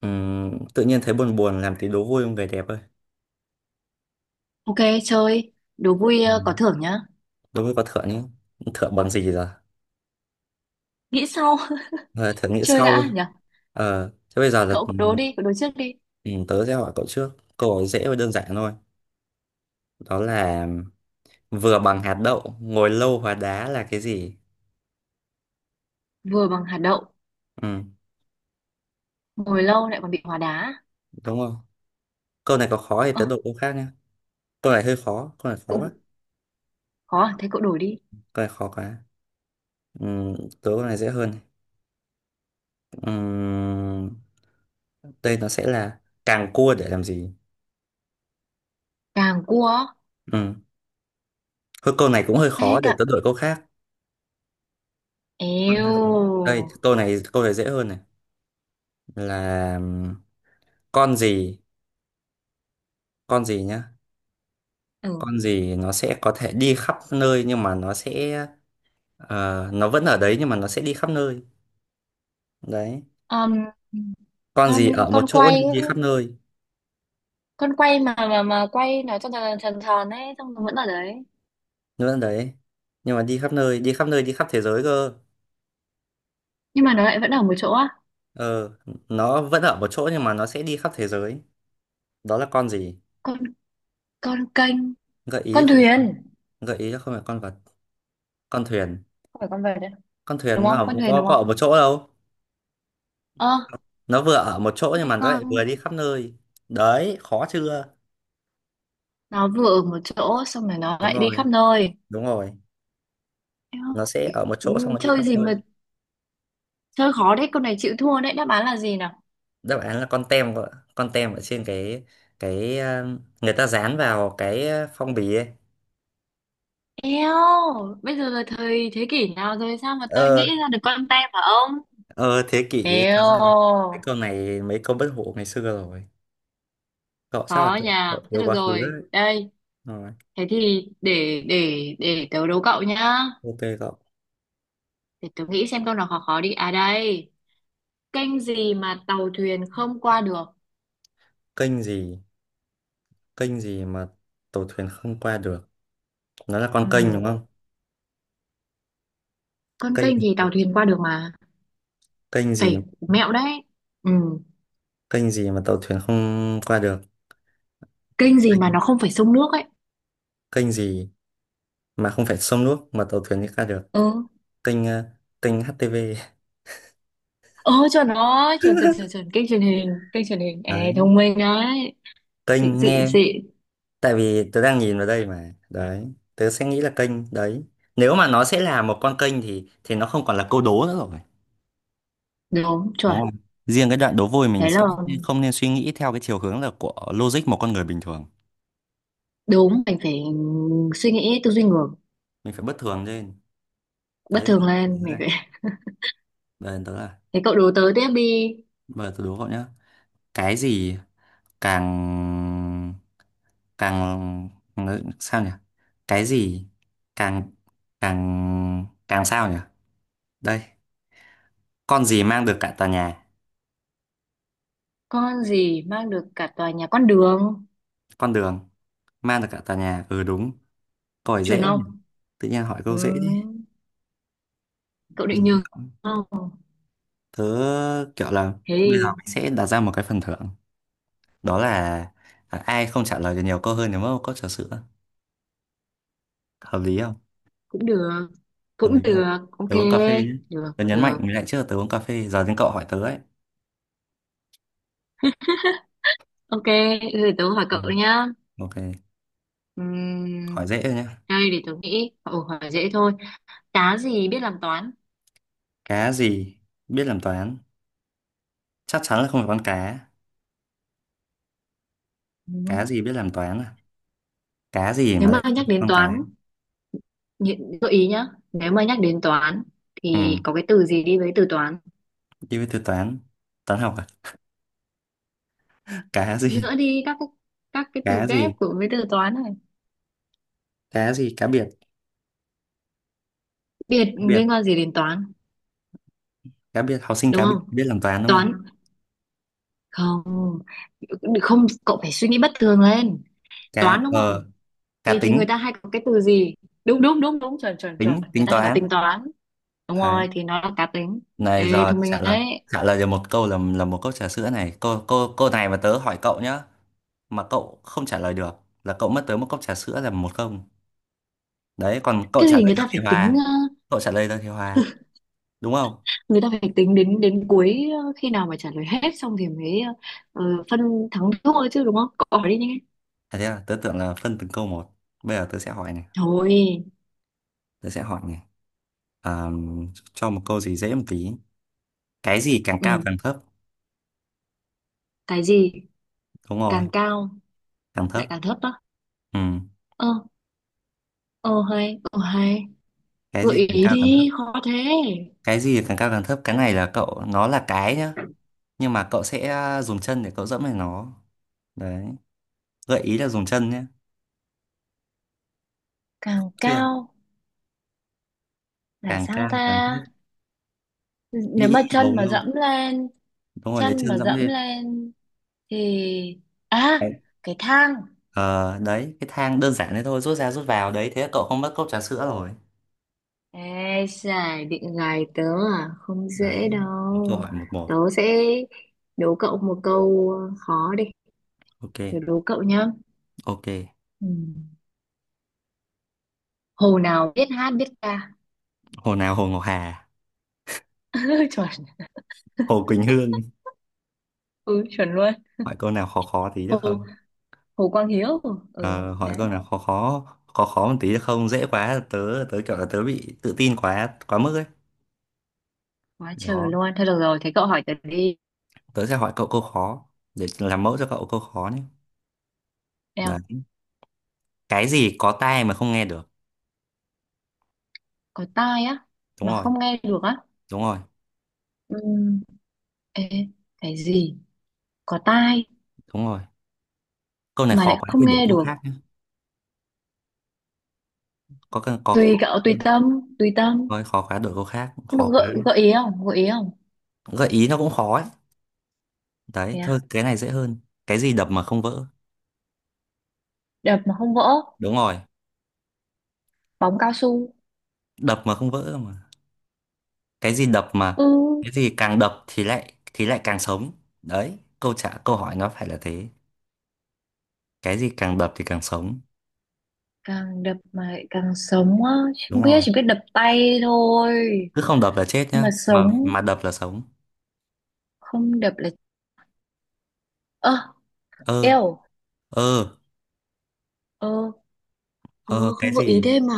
Tự nhiên thấy buồn buồn làm tí đố vui không về đẹp ơi. Ok, chơi. Đố vui Ừ. Có thưởng nhá. Đố vui có thưởng nhé. Thưởng bằng gì giờ? Nghĩ sau, Ờ, Thưởng nghĩ chơi sau ấy. đã nhỉ? Ờ, thế bây giờ là Cậu cứ đố đi, cậu đố trước đi. ừ, tớ sẽ hỏi cậu trước. Câu hỏi dễ và đơn giản thôi, đó là vừa bằng hạt đậu ngồi lâu hóa đá là cái gì. Vừa bằng hạt đậu, Ừ, ngồi lâu lại còn bị hóa đá. đúng không? Câu này có khó thì Ờ, tớ đổi câu khác nhé. Câu này hơi khó, câu này khó quá, cậu khó à? Thế cậu đổi đi. câu này khó quá. Ừ, tớ câu này dễ hơn. Ừ, đây nó sẽ là càng cua để làm gì. Càng cua, Ừ. Thôi câu này cũng hơi thế khó, để càng... tớ đổi câu khác. Con hay khó? Đây, Eo. câu này dễ hơn này, là con gì, con gì nhá. Ừ. Con gì nó sẽ có thể đi khắp nơi nhưng mà nó sẽ nó vẫn ở đấy nhưng mà nó sẽ đi khắp nơi, đấy. Ờm, Con con gì ở một con chỗ quay nhưng ấy. đi khắp nơi. Con quay mà quay nó cho tròn tròn tròn ấy, xong nó vẫn ở đấy. Nó vẫn đấy nhưng mà đi khắp nơi, đi khắp nơi, đi khắp thế giới cơ. Nhưng mà nó lại vẫn ở một chỗ á. Ờ, nó vẫn ở một chỗ nhưng mà nó sẽ đi khắp thế giới, đó là con gì? Con con kênh, Gợi ý con không? thuyền. Gợi ý là không phải con vật. Con thuyền? Không phải con vợt đấy. Con Đúng thuyền nó không? Con thuyền đúng có ở một không? chỗ đâu. Ờ, Nó vừa ở một chỗ nhưng thế mà nó lại con vừa đi khắp nơi. Đấy, khó chưa? nó vừa ở một chỗ xong rồi nó Đúng lại đi rồi, khắp nơi. đúng rồi. Eo, Nó sẽ ở một chỗ xong ừ, rồi đi chơi khắp gì nơi. mà chơi khó đấy, con này chịu thua đấy, đáp án là gì nào? Đáp án là con tem vợ, con tem ở trên cái ờ, người ta dán vào cái phong bì ấy. Eo, bây giờ là thời thế kỷ nào rồi sao mà tôi nghĩ Ờ, ra được con tem hả ông? ờ thế kỷ. Thật ra thì Eo, mấy câu này mấy câu bất hủ ngày xưa rồi. Cậu chắc là khó nhà cậu thế. yêu Được quá khứ rồi đấy. đây. Rồi, Thế thì để tớ đố cậu nhá. ok cậu. Để tớ nghĩ xem câu nào khó khó đi. À đây. Kênh gì mà tàu thuyền không qua được? Kênh gì? Kênh gì mà tàu thuyền không qua được? Nó là con Ừ, kênh đúng không? con Kênh, kênh thì tàu thuyền qua được mà. kênh gì? Phải mẹo đấy. Ừ, Kênh gì mà tàu thuyền không qua được? kênh gì mà nó không phải sông nước ấy. Kênh gì mà không phải sông nước mà tàu thuyền mới ra được? Ừ. Kênh kênh HTV. Ờ, cho nó chuẩn chuẩn chuẩn chuẩn. Kênh truyền hình, kênh truyền hình. Ê, Đấy, thông minh đấy. Xịn kênh xịn nghe. xịn. Tại vì tớ đang nhìn vào đây mà đấy, tớ sẽ nghĩ là kênh đấy. Nếu mà nó sẽ là một con kênh thì nó không còn là câu đố nữa rồi. Đúng Đúng không? chuẩn. Riêng cái đoạn đố vui mình Thế là sẽ không nên suy nghĩ theo cái chiều hướng là của logic một con người bình thường. đúng, mình phải suy nghĩ tư duy ngược, Mình phải bất thường lên. bất Đấy, bây thường giờ tớ lên. Mình này, phải bây giờ tớ là, thế cậu đố tớ tiếp đi. bây giờ tớ đố cậu nhá. Cái gì càng, càng sao nhỉ? Cái gì càng, càng càng sao nhỉ? Đây, con gì mang được cả tòa nhà? Con gì mang được cả tòa nhà? Con đường. Con đường mang được cả tòa nhà, ừ đúng. Câu hỏi Chuẩn dễ quá nhỉ, không? tự nhiên hỏi câu dễ đi. Ừ, cậu định nhường không? Tớ kiểu là Thế bây giờ thì mình sẽ đặt ra một cái phần thưởng, đó là ai không trả lời được nhiều câu hơn thì mất một cốc trà sữa. Hợp lý không? cũng được, Hợp cũng lý không? được. Ok. Tớ uống cà phê nhé. Được Tớ nhấn mạnh được. lại trước là tớ uống cà phê. Giờ đến cậu hỏi tớ ấy. Ok, thế thì tớ hỏi Ừ. cậu nhá. Ok. Ừm, Hỏi dễ thôi nhé. Đây để tôi nghĩ. Ồ, hỏi dễ thôi. Cá gì biết làm toán? Cá gì biết làm toán? Chắc chắn là không phải con cá. Cá Ừ. gì biết làm toán à? Cá gì Nếu mà mà lại không nhắc phải đến con cá? toán, gợi ý nhá. Nếu mà nhắc đến toán Ừ, thì có cái từ gì đi với từ toán? đi với từ toán. Toán học à? Cá gì? Nữa đi các cái từ Cá ghép gì, của với từ toán này. cá gì, cá biệt? Biệt Cá biệt, liên quan gì đến toán? cá biệt, học sinh Đúng cá biệt không? biết làm toán đúng không? Toán không. Không, cậu phải suy nghĩ bất thường lên. Cá Toán đúng ờ, không? cá Thì người tính. ta hay có cái từ gì? Đúng đúng đúng đúng chuẩn chuẩn chuẩn. Tính, Người tính ta hay có toán. tính toán. Đúng rồi thì nó là cá tính. Này Ê giờ thông trả minh lời, ấy. trả lời được một câu là một cốc trà sữa này, cô này mà tớ hỏi cậu nhá, mà cậu không trả lời được là cậu mất tới một cốc trà sữa, là một không. Đấy, còn cậu Cái trả gì lời người được ta thì phải tính? hòa. Cậu trả lời được thì hòa, đúng không? Người ta phải tính đến đến cuối, khi nào mà trả lời hết xong thì mới, ờ, phân thắng thua chứ đúng không? Cậu hỏi đi nhé. À, thế là tớ tưởng là phân từng câu một. Bây giờ tớ sẽ hỏi này, Thôi. tớ sẽ hỏi này, à, cho một câu gì dễ một tí. Cái gì càng Ừ. cao càng thấp? Cái gì Đúng rồi, càng cao càng lại thấp. càng thấp á? Ừ. Ờ, ờ hay, ờ hay. Cái Gợi gì càng ý cao càng thấp? đi, khó thế. Cái gì càng cao càng thấp? Cái này là cậu nó là cái nhá, nhưng mà cậu sẽ dùng chân để cậu dẫm lên nó, đấy. Gợi ý là dùng chân nhé. Càng Chưa? cao là Càng sao cao càng ta? thấp. Nếu Nghĩ mà chân đầu mà đâu? dẫm lên, Đúng rồi, lấy chân chân mà dẫm dẫm lên. lên thì, à, Đấy. cái thang. Ờ, đấy cái thang, đơn giản thế thôi, rút ra rút vào, đấy thế là cậu không mất cốc trà sữa rồi. Ê, giải định gài tớ à? Không Đấy, dễ một câu đâu. hỏi, một một. Tớ sẽ đố cậu một câu khó đi. Ok. Tớ đố cậu nhá. Ok. Ừ. Hồ nào biết hát biết ca? Hồ nào? Hồ Ngọc Hà, chuẩn. hồ Quỳnh Hương. Ừ, chuẩn luôn. Hỏi câu nào khó khó tí được Hồ, không? Hồ Quang Hiếu. Ừ, Ờ, hỏi câu đấy. nào khó khó, khó khó một tí được không? Dễ quá, tớ, tớ kiểu là tớ bị tự tin quá quá mức ấy. Quá trời Đó, luôn. Thôi được rồi, thế cậu hỏi tớ đi. tớ sẽ hỏi cậu câu khó, để làm mẫu cho cậu câu khó nhé. Nào, Đấy, cái gì có tai mà không nghe được? có tai á, Đúng mà rồi. không nghe được á. Đúng rồi, Ừ. Ê, cái gì? Có tai, đúng rồi. Câu này mà khó lại quá không thì đổi nghe câu được. khác nhé. Có cần, có Tùy khó cậu, quá tùy không? tâm, tùy tâm. Thôi khó quá đổi câu khác, Nhưng mà khó gợi, quá. gợi ý không? Gợi ý không? Gợi ý nó cũng khó ấy. Đấy, Thế thôi à? cái này dễ hơn. Cái gì đập mà không vỡ? Đập mà không vỡ. Đúng rồi, Bóng cao su. đập mà không vỡ mà. Cái gì đập mà, Ừ. cái gì càng đập thì lại càng sống. Đấy, câu hỏi nó phải là thế. Cái gì càng đập thì càng sống? Càng đập mà lại càng sống á? Không Đúng biết, rồi. chỉ biết đập tay thôi. Cứ không đập là chết Nhưng nhá, mà mà sống, mà đập là sống. không đập là, ơ, Ơ. eo, Ơ. ơ. Ờ, Ơ, cái không có ý gì? thế mà.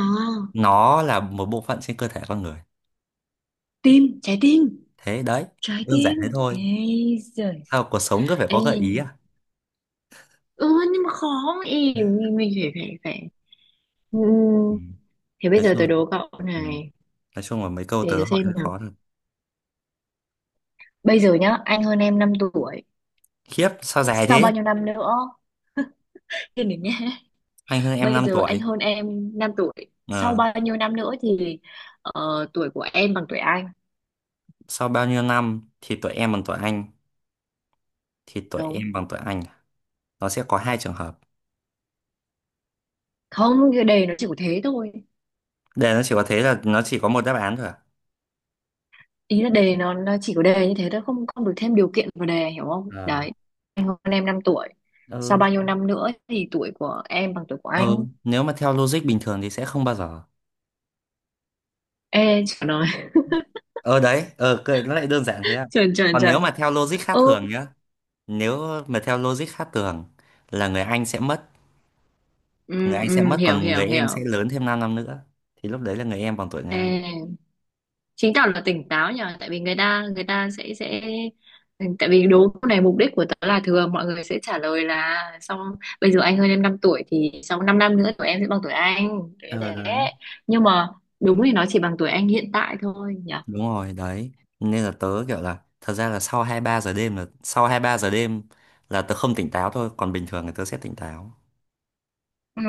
Nó là một bộ phận trên cơ thể con người. Tim, trái tim. Thế đấy, Trái đơn giản tim. thế thôi. Ê giời. Sao cuộc sống cứ phải Ê, có gợi ý à? ừ, nhưng mà khó ý. Mình phải, phải, phải. Ừ. Ừ. Thế bây Nói giờ chung, tôi đố cậu ừ, này. nói chung là mấy câu Để tớ tôi hỏi xem hơi nào. khó thật. Bây giờ nhá, anh hơn em 5 tuổi, Khiếp sao dài sau bao thế? nhiêu năm nữa. Thế nữa nhé. Anh hơn em Bây 5 giờ anh tuổi. hơn em 5 tuổi, sau Ờ, bao nhiêu năm nữa thì, tuổi của em bằng tuổi anh? sau bao nhiêu năm thì tuổi em bằng tuổi anh, thì tuổi Đúng em bằng tuổi anh à? Nó sẽ có hai trường hợp. không, cái đề nó chỉ có thế thôi. Để nó chỉ có thế là nó chỉ có một đáp án thôi à? Ý là đề nó chỉ có đề như thế thôi, không không được thêm điều kiện vào đề, hiểu không Ờ. đấy. Anh hơn em 5 tuổi, sau Ừ. bao nhiêu năm nữa thì tuổi của em bằng tuổi của anh? Ừ, nếu mà theo logic bình thường thì sẽ không bao giờ. Ê trời ơi. Ờ đấy, ờ nó lại đơn giản thế à? trời trời Còn nếu trời. mà theo logic khác Ừ, thường nhá, nếu mà theo logic khác thường là người anh sẽ mất. Người ừ, anh sẽ ừ. mất, Hiểu còn hiểu người em sẽ hiểu. lớn thêm 5 năm nữa, thì lúc đấy là người em bằng tuổi người Ê, anh. chứng tỏ là tỉnh táo nhờ, tại vì người ta sẽ tại vì đố câu này mục đích của tớ là thường mọi người sẽ trả lời là sau, bây giờ anh hơn em 5 tuổi thì sau 5 năm năm nữa tụi em sẽ bằng tuổi anh thế Ờ đấy, thế Nhưng mà đúng thì nó chỉ bằng tuổi anh hiện tại thôi nhỉ. đúng rồi đấy. Nên là tớ kiểu là thật ra là sau hai ba giờ đêm, là sau hai ba giờ đêm là tớ không tỉnh táo thôi, còn bình thường thì tớ sẽ tỉnh táo. Ừ,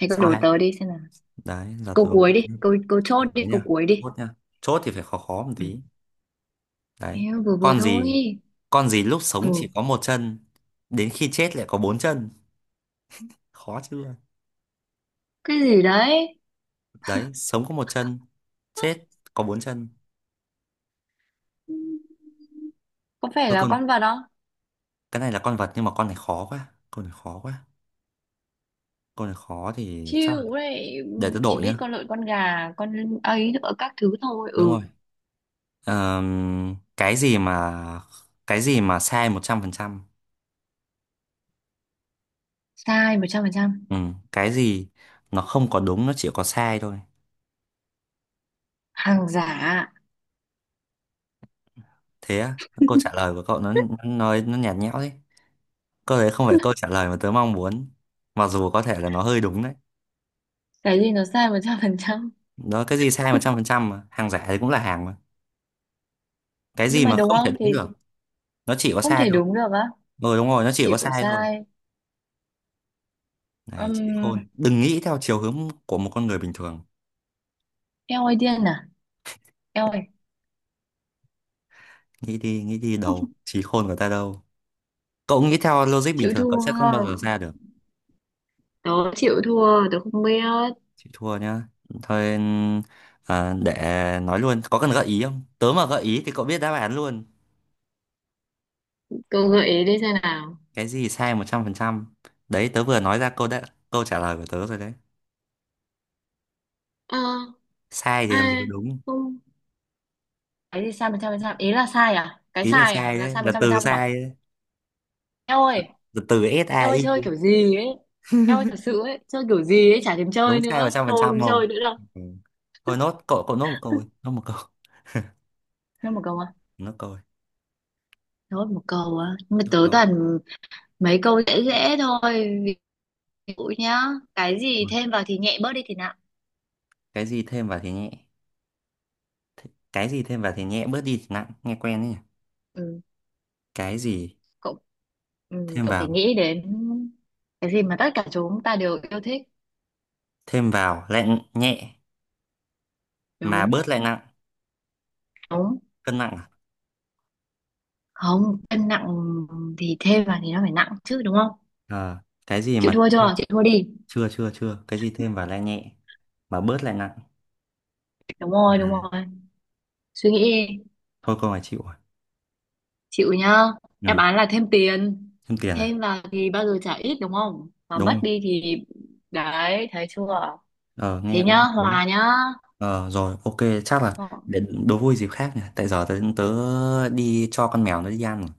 thế cứ Sau đố hai, tớ đi xem nào. đấy là Câu tớ. cuối đi, câu câu chốt đi, Đấy câu nha, cuối đi. chốt nha. Chốt thì phải khó khó một Ừ. tí. Đấy, Em vừa vừa con gì, thôi. con gì lúc sống Ừ, chỉ có một chân, đến khi chết lại có bốn chân? Khó chưa? cái gì đấy. Đấy, sống có một chân, chết có bốn chân. có phải Thôi là con con, vật không? cái này là con vật nhưng mà con này khó quá, con này khó quá, con này khó thì Chịu đấy, để tớ chỉ đổi biết nhá. con lợn, con gà, con ấy nữa các thứ thôi. Đúng Ừ. rồi. Cái gì mà, cái gì mà sai 100%? Sai một trăm phần trăm. Ừ, cái gì nó không có đúng, nó chỉ có sai thôi. Hàng giả. Thế á? Câu trả lời của cậu nó, nó nhạt nhẽo đấy. Câu đấy không phải câu trả lời mà tớ mong muốn, mặc dù có thể là nó hơi đúng đấy. Cái gì nó sai một trăm phần trăm, Đó, cái gì sai 100% mà hàng giả thì cũng là hàng mà. Cái nhưng gì mà mà đúng không thể không thì, đúng được, nó chỉ có không sai thể thôi. đúng được á? Ừ đúng rồi, nó chỉ Chỉ có có sai thôi. sai. Này trí um, khôn, đừng nghĩ theo chiều hướng của một con người bình thường. Eo ơi điên à? Eo ơi, Nghĩ đi không. đầu, trí khôn của ta đâu. Cậu nghĩ theo logic bình Chịu thường cậu sẽ thua. không bao giờ ra được. Tớ chịu thua, tớ không biết. Chị thua nhá. Thôi à, để nói luôn, có cần gợi ý không? Tớ mà gợi ý thì cậu biết đáp án luôn. Cậu gợi ý đi xem nào. Cái gì sai 100%? Đấy, tớ vừa nói ra câu đã, câu trả lời của tớ rồi đấy. Ờ, Sai thì à, làm gì có đúng. không. Cái gì sai một trăm phần trăm ý là sai à? Cái Ý là sai à sai là đấy, sai một là trăm phần từ trăm à? sai đấy. Eo ơi, Là từ em ơi SAI, chơi kiểu gì ấy. Em ơi thật sự ấy. Chơi kiểu gì ấy. Chả thèm đúng chơi sai nữa. Thôi không 100% chơi không? nữa đâu. Ừ. Thôi nốt, cậu cậu nốt một câu, đi, nốt một câu, Nói một câu à? nốt câu, đi, Thôi một câu á. Nhưng mà nốt tớ câu. toàn mấy câu dễ dễ thôi. Ví dụ nhá. Cái gì thêm vào thì nhẹ, bớt đi thì nặng? Cái gì thêm vào thì nhẹ? Cái gì thêm vào thì nhẹ, bớt đi thì nặng, nghe quen ấy nhỉ? Ừ, Cái gì cậu. Ừ, thêm cậu phải vào, nghĩ đến. Cái gì mà tất cả chúng ta đều yêu thích. thêm vào lại nhẹ mà Đúng. bớt lại nặng? Đúng. Cân nặng à? Không cân nặng thì thêm vào thì nó phải nặng chứ đúng không? Ờ, cái gì Chịu mà thua chưa? Chịu thua đi. chưa chưa chưa, cái gì thêm vào lại nhẹ mà bớt lại nặng? Đúng À, rồi đúng rồi. Suy nghĩ đi. thôi câu này chịu rồi. Chịu nhá. Ừ. Đáp án là thêm tiền. Thêm tiền à? Thêm vào thì bao giờ trả ít đúng không, mà Đúng mất không? đi thì, đấy thấy chưa? Ờ nghe Thế cũng nhá, hay đấy. hòa nhá. Ờ rồi, ok. Chắc là Ờ, để đố vui dịp khác nhỉ, tại giờ tớ đi cho con mèo nó đi ăn rồi.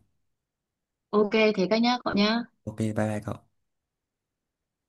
ok. Thế các nhá, cậu nhá. Ok bye bye cậu.